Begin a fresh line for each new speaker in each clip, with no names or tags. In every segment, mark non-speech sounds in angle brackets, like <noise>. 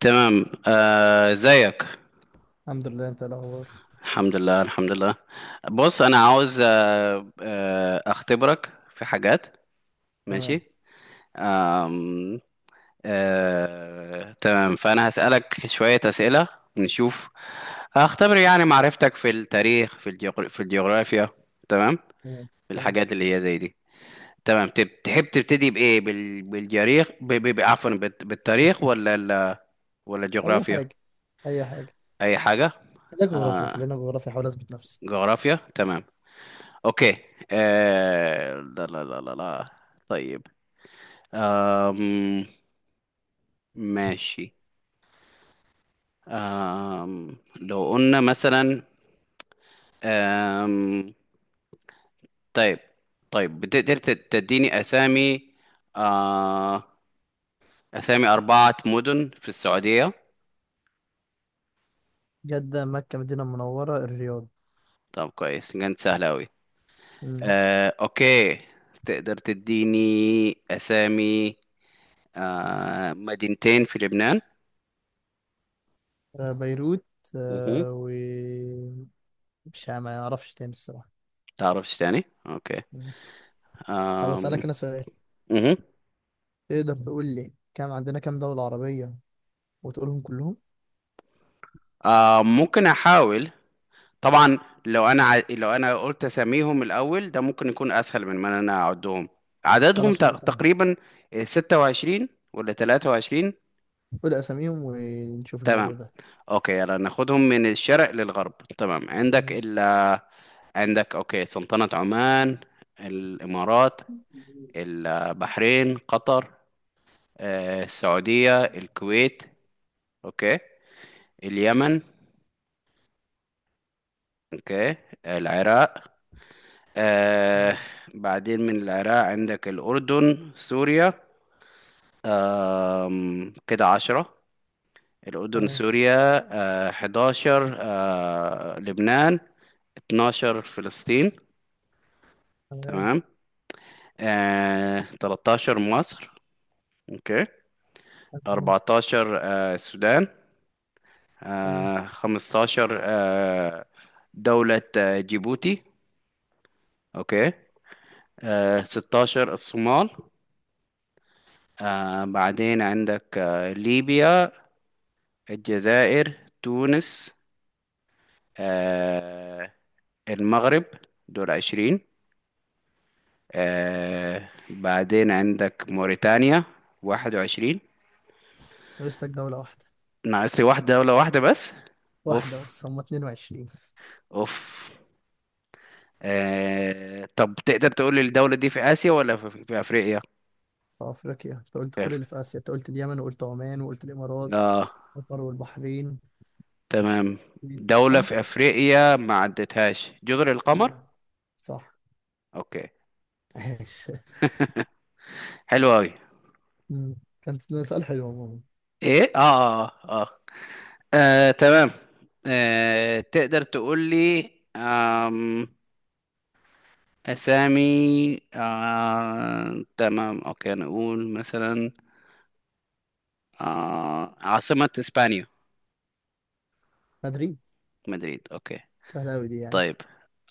تمام. ازيك؟
الحمد لله، انت إيه الاخبار؟
الحمد لله، الحمد لله. بص، انا عاوز اختبرك في حاجات.
تمام،
ماشي. آم، تمام، فانا هسألك شوية أسئلة. نشوف. هختبر يعني معرفتك في التاريخ، في الجغرافيا. تمام.
تمام،
في
تمام.
الحاجات اللي هي زي دي. تمام. تحب تبتدي بإيه، بال... بالجريخ ب... ب... ب- عفوا، بالتاريخ ولا ولا
اي
الجغرافيا؟
حاجه، اي حاجه.
اي حاجة.
ده جغرافيا،
آه
خلينا جغرافيا احاول اثبت نفسي.
جغرافيا. تمام. اوكي. لا لا لا لا لا. طيب. آم... ماشي. لو قلنا مثلا. آم... طيب. طيب، بتقدر تديني اسامي آه... اسامي اربعة مدن في السعودية؟
جده، مكه، مدينه منوره، الرياض.
طب كويس، كانت سهلة اوي.
مم.
اوكي. تقدر تديني اسامي مدينتين في لبنان؟
بيروت.
مهو.
آه، و مش ع- ما اعرفش تاني، الصراحه.
تعرفش تاني؟ اوكي.
مم. طب،
آم...
اسالك انا سؤال.
مهو.
تقدر تقول لي، عندنا كام دوله عربيه وتقولهم كلهم؟
ممكن احاول. طبعا. لو انا قلت اساميهم الاول ده ممكن يكون اسهل من ما انا اعدهم. عددهم
خلاص، قول اسامي.
تقريبا 26 ولا 23.
قول اساميهم ونشوف
تمام.
الموضوع ده.
اوكي، يلا ناخدهم من الشرق للغرب. تمام، عندك
تمام.
عندك. اوكي، سلطنة عمان، الامارات، البحرين، قطر، السعودية، الكويت. اوكي. اليمن. اوكي. العراق. آه
مم.
بعدين من العراق عندك الأردن، سوريا. كده 10. الأردن،
تمام،
سوريا. 11، لبنان. 12 فلسطين.
تمام،
تمام. 13 مصر. أوكي.
تمام،
14، السودان.
تمام.
15، دولة جيبوتي. أوكي. 16 الصومال. بعدين عندك ليبيا، الجزائر، تونس، آه المغرب. دول 20. بعدين عندك موريتانيا. 21.
ناقص لك دوله واحده.
ناقص لي واحدة، دولة واحدة بس.
واحده
اوف،
بس، هم 22.
اوف. طب تقدر تقول لي الدولة دي في آسيا ولا في أفريقيا؟
في أفريقيا، أنت قلت
في
كل
أف-
اللي في آسيا، أنت قلت اليمن وقلت عمان وقلت الإمارات
اه.
قطر والبحرين،
تمام. دولة
صح؟
في أفريقيا ما عدتهاش، جزر القمر؟
مم. صح.
اوكي.
<laughs> ماشي.
حلو أوي.
مم. كانت ده سؤال حلو عموما.
ايه، اه، اه. اه. تمام. تقدر تقول لي آم، أسامي. تمام، أوكي، نقول مثلا عاصمة إسبانيا؟
مدريد.
مدريد. أوكي.
سهلة أوي دي، يعني.
طيب.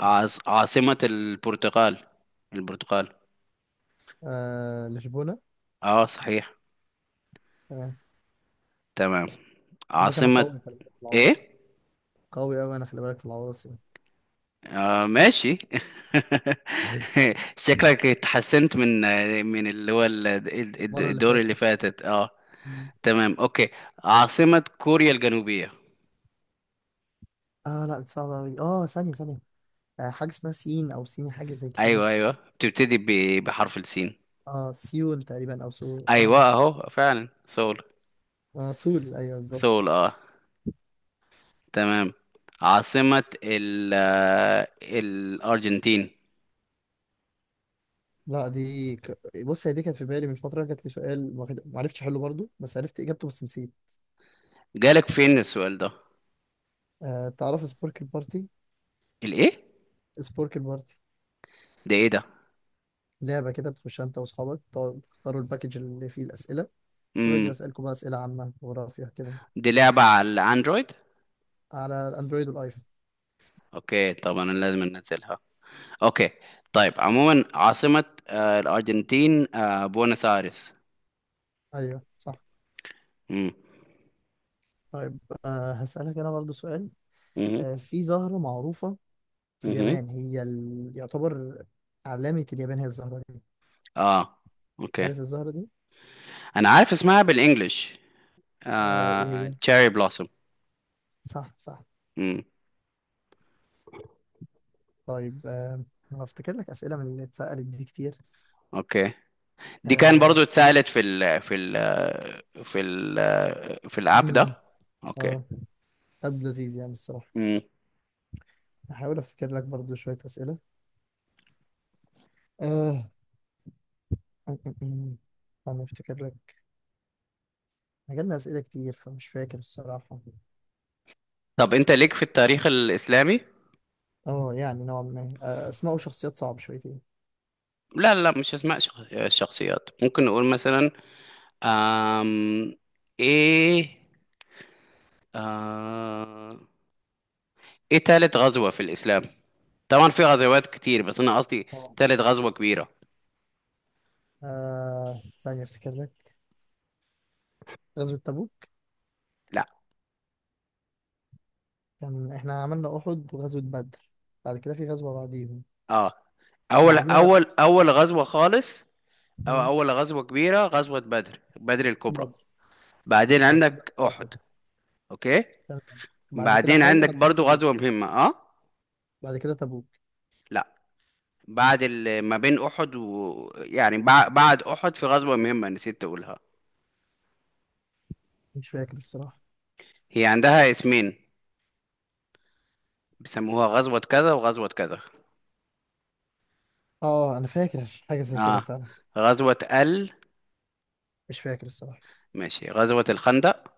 عاصمة البرتغال. البرتغال.
آه، لشبونة.
اه صحيح.
آه.
تمام.
هما كانوا
عاصمة
قوي، خلي بالك في العواصم.
ايه.
قوي أوي، أنا خلي بالك في العواصم.
ماشي. <laughs> شكلك اتحسنت من من اللي هو
المرة اللي
الدور اللي
فاتت.
فاتت، اه.
مم.
تمام. اوكي. عاصمة كوريا الجنوبية؟
اه، لا دي صعبة أوي، اه، ثانية ثانية. آه، حاجة اسمها سين أو سيني، حاجة زي كده.
ايوه، ايوه، بتبتدي بحرف السين.
اه، سيول تقريبا، أو سول، اه،
ايوه اهو، فعلا سول.
آه، سول، أيوه
سول،
بالظبط.
اه. تمام. عاصمة ال آه، الارجنتين؟
لا دي. بص، هي دي كانت في بالي من فترة، جات لي سؤال ما عرفتش احله برضو، بس عرفت اجابته بس نسيت.
جالك فين السؤال ده؟
أه، تعرف سبورك البارتي؟
الايه؟
سبورك البارتي.
ده ايه ده؟
لعبة كده بتخشها انت واصحابك، تقعدوا تختاروا الباكج اللي فيه الأسئلة. ويقعد
امم.
يسألكم بقى أسئلة عامة، جغرافيا كده.
دي لعبة على الاندرويد؟
على الأندرويد والآيفون.
اوكي، طبعا أنا لازم انزلها. اوكي. طيب عموما، عاصمة الارجنتين، بوينس ايرس.
أيوه، صح.
امم.
طيب، أه، هسألك أنا برضو سؤال.
امم.
أه، في زهرة معروفة في
امم.
اليابان، هي يعتبر علامة اليابان هي الزهرة دي.
اه. اوكي.
عارف الزهرة دي؟
انا عارف اسمها بالانجلش.
آه، ايه هي؟
تشيري بلوسوم.
صح، صح.
امم.
طيب، انا افتكر لك اسئله من اللي اتسالت دي كتير.
اوكي. دي كان
اه،
برضو اتسألت في ال في الاب
مم،
ده. اوكي.
اه، طب لذيذ يعني الصراحه.
امم.
هحاول افتكر لك برضو شويه اسئله. آه. م- م- م. انا افتكر لك. جالنا اسئله كتير، فمش فاكر الصراحه.
طب انت ليك في التاريخ الاسلامي؟
اه، يعني نوعا ما، اسماء وشخصيات صعب شويتين.
لا، لا، مش اسماء الشخصيات. ممكن نقول مثلا آم... ايه آه... ايه تالت غزوة في الاسلام؟ طبعا في غزوات كتير، بس انا قصدي
اه،
تالت غزوة كبيرة.
ثانيه افتكر لك. غزوه تبوك.
لا.
كان احنا عملنا احد وغزوه بدر. بعد كده في غزوه بعديهم.
اه، اول
بعديها بقى.
اول اول غزوة خالص. أو
مم،
أول غزوة كبيرة، غزوة بدر، بدر الكبرى.
بدر.
بعدين
بعد كده
عندك أحد.
احد.
أوكي.
تمام. بعد كده
بعدين
حاجة،
عندك
بعد كده
برضو
تبوك.
غزوة مهمة، أه.
بعد كده تبوك.
لا. ما بين أحد بعد أحد في غزوة مهمة نسيت أقولها.
مش فاكر الصراحة.
هي عندها اسمين، بيسموها غزوة كذا وغزوة كذا.
اه، انا فاكر حاجة زي كده
أه،
فعلا.
غزوة ال
مش فاكر الصراحة.
ماشي، غزوة الخندق.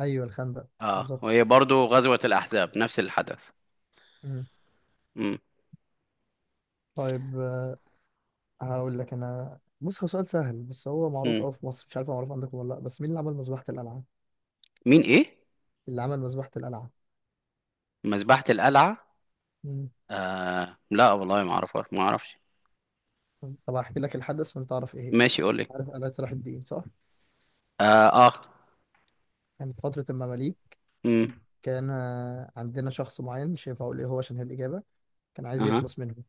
ايوه، الخندق.
أه،
بالظبط.
وهي برضو غزوة الأحزاب، نفس الحدث.
مم.
مم.
طيب، هقول لك انا، بص هو سؤال سهل بس هو معروف
مم.
قوي في مصر، مش عارف هو معروف عندكم ولا لا، بس مين اللي عمل مذبحة القلعة؟
مين إيه؟
اللي عمل مذبحة القلعة.
مذبحة القلعة؟
مم.
لا والله، ما أعرفها، ما أعرفش.
طب، هحكي لك الحدث وانت تعرف ايه هي.
ماشي، قول لي.
عارف قلعة صلاح الدين، صح؟
اه، آه.
كان في فترة المماليك.
امم.
كان عندنا شخص معين، مش هينفع اقول ايه هو عشان هي الإجابة. كان عايز
اها.
يخلص منهم.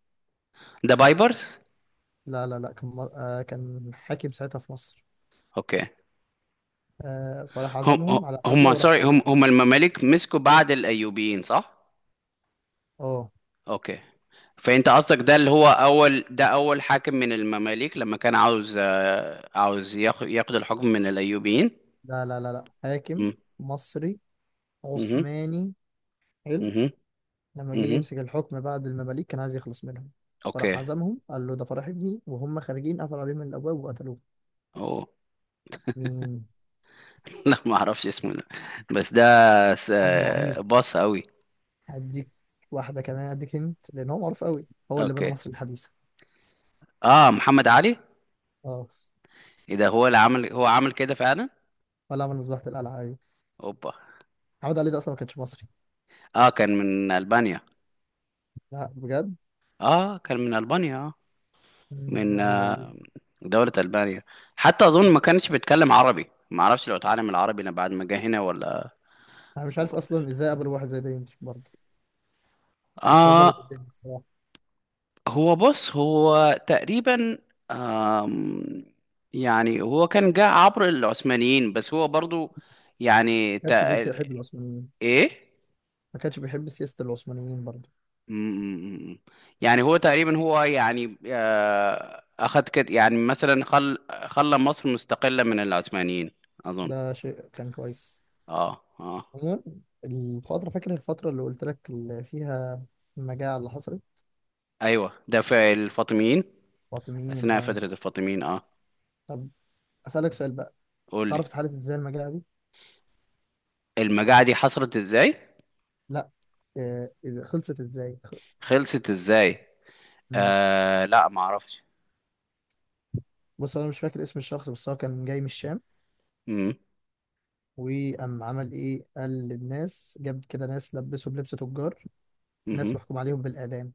ده بايبرز؟
لا، لا، لا، كان مر- آه كان حاكم ساعتها في مصر.
اوكي.
فراح
هم
عزمهم على
هم
حفلة وراح
سوري،
قتل.
هم المماليك مسكوا بعد الايوبيين، صح؟
اه،
اوكي. فانت قصدك ده اللي هو اول، ده اول حاكم من المماليك لما كان عاوز عاوز ياخد الحكم من الايوبيين.
لا، لا، لا، لا، حاكم
امم.
مصري
امم.
عثماني. حلو.
امم.
لما جه
امم.
يمسك الحكم بعد المماليك، كان عايز يخلص منهم. فراح
اوكي.
عزمهم، قال له ده فرح ابني، وهم خارجين قفل عليهم الابواب وقتلوه.
اوه.
مين؟
<laughs> لا، ما اعرفش اسمه ده. بس ده
حد بعميق.
س- باص قوي.
هديك. واحدة كمان هديك انت، لان هو معروف قوي. هو اللي بنى
اوكي.
مصر الحديثة.
اه، محمد علي.
اه.
ايه ده، هو اللي عمل، هو عمل كده فعلا؟
ولا عمل مذبحة القلعة، ايوه.
اوبا.
محمد علي ده اصلا ما كانش مصري.
اه كان من ألبانيا.
لا، بجد؟
اه كان من ألبانيا، اه. من
المعلومة دي.
دولة ألبانيا. حتى أظن ما كانش بيتكلم عربي، ما اعرفش لو اتعلم العربي لما بعد ما جه هنا ولا
انا مش عارف
ولا.
اصلا ازاي قبل واحد زي ده يمسك برضه. بس هو ظبط
اه.
الدنيا، الصراحه.
هو، بص، هو تقريبا آم يعني هو كان جه عبر العثمانيين، بس هو برضو يعني
ما كانش بيحب العثمانيين.
ايه.
ما كانش بيحب سياسه العثمانيين برضه.
امم. يعني هو تقريبا، هو يعني اخد كده، يعني مثلا خلى مصر مستقلة من العثمانيين، اظن.
ده شيء كان كويس.
اه، اه.
عموما، الفتره، فاكر الفتره اللي قلت لك اللي فيها المجاعه اللي حصلت؟
ايوه، ده في الفاطميين.
فاطميين،
اثناء
اه.
فترة الفاطميين، اه.
طب، اسالك سؤال بقى.
قول لي.
تعرف اتحلت ازاي المجاعه دي؟
المجاعة دي حصلت ازاي؟
لا. إذا خلصت ازاي.
خلصت ازاي؟
مم.
لا، ما اعرفش.
بص، انا مش فاكر اسم الشخص، بس هو كان جاي من الشام.
امم.
وقام عمل ايه، قال للناس، جاب كده ناس لبسوا بلبس تجار. ناس
امم.
محكوم عليهم بالاعدام.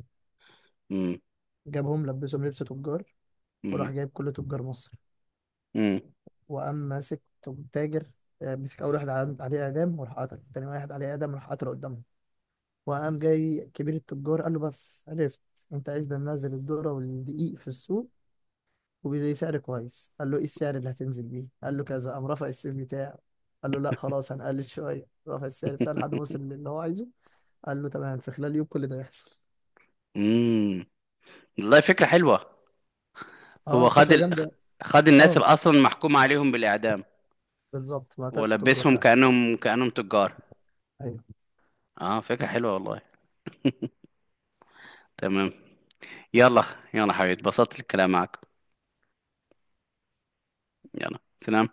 امم.
جابهم لبسهم لبس تجار.
امم.
وراح جايب كل تجار مصر.
امم.
وقام ماسك تاجر. مسك أول واحد عليه إعدام، وراح قتله، تاني واحد عليه إعدام راح قتله قدامهم. وقام جاي كبير التجار، قال له بس عرفت، أنت عايز ده، ننزل الذرة والدقيق في السوق وبسعر كويس. قال له، إيه السعر اللي هتنزل بيه؟ قال له كذا. قام رفع السيف بتاعه. قال له لا خلاص، هنقلل شوية، رفع السعر بتاعه لحد ما وصل للي هو عايزه. قال له تمام، في خلال يوم كل ده يحصل.
امم. والله فكرة حلوة. هو
اه،
خد
فكرة جامدة.
خد الناس اللي
اه،
اصلا محكوم عليهم بالاعدام.
بالظبط، ما قتلش تجار
ولبسهم
فعلا.
كأنهم تجار. اه، فكرة حلوة والله. تمام. يلا. يلا حبيبي، اتبسطت الكلام معاك. يلا سلام.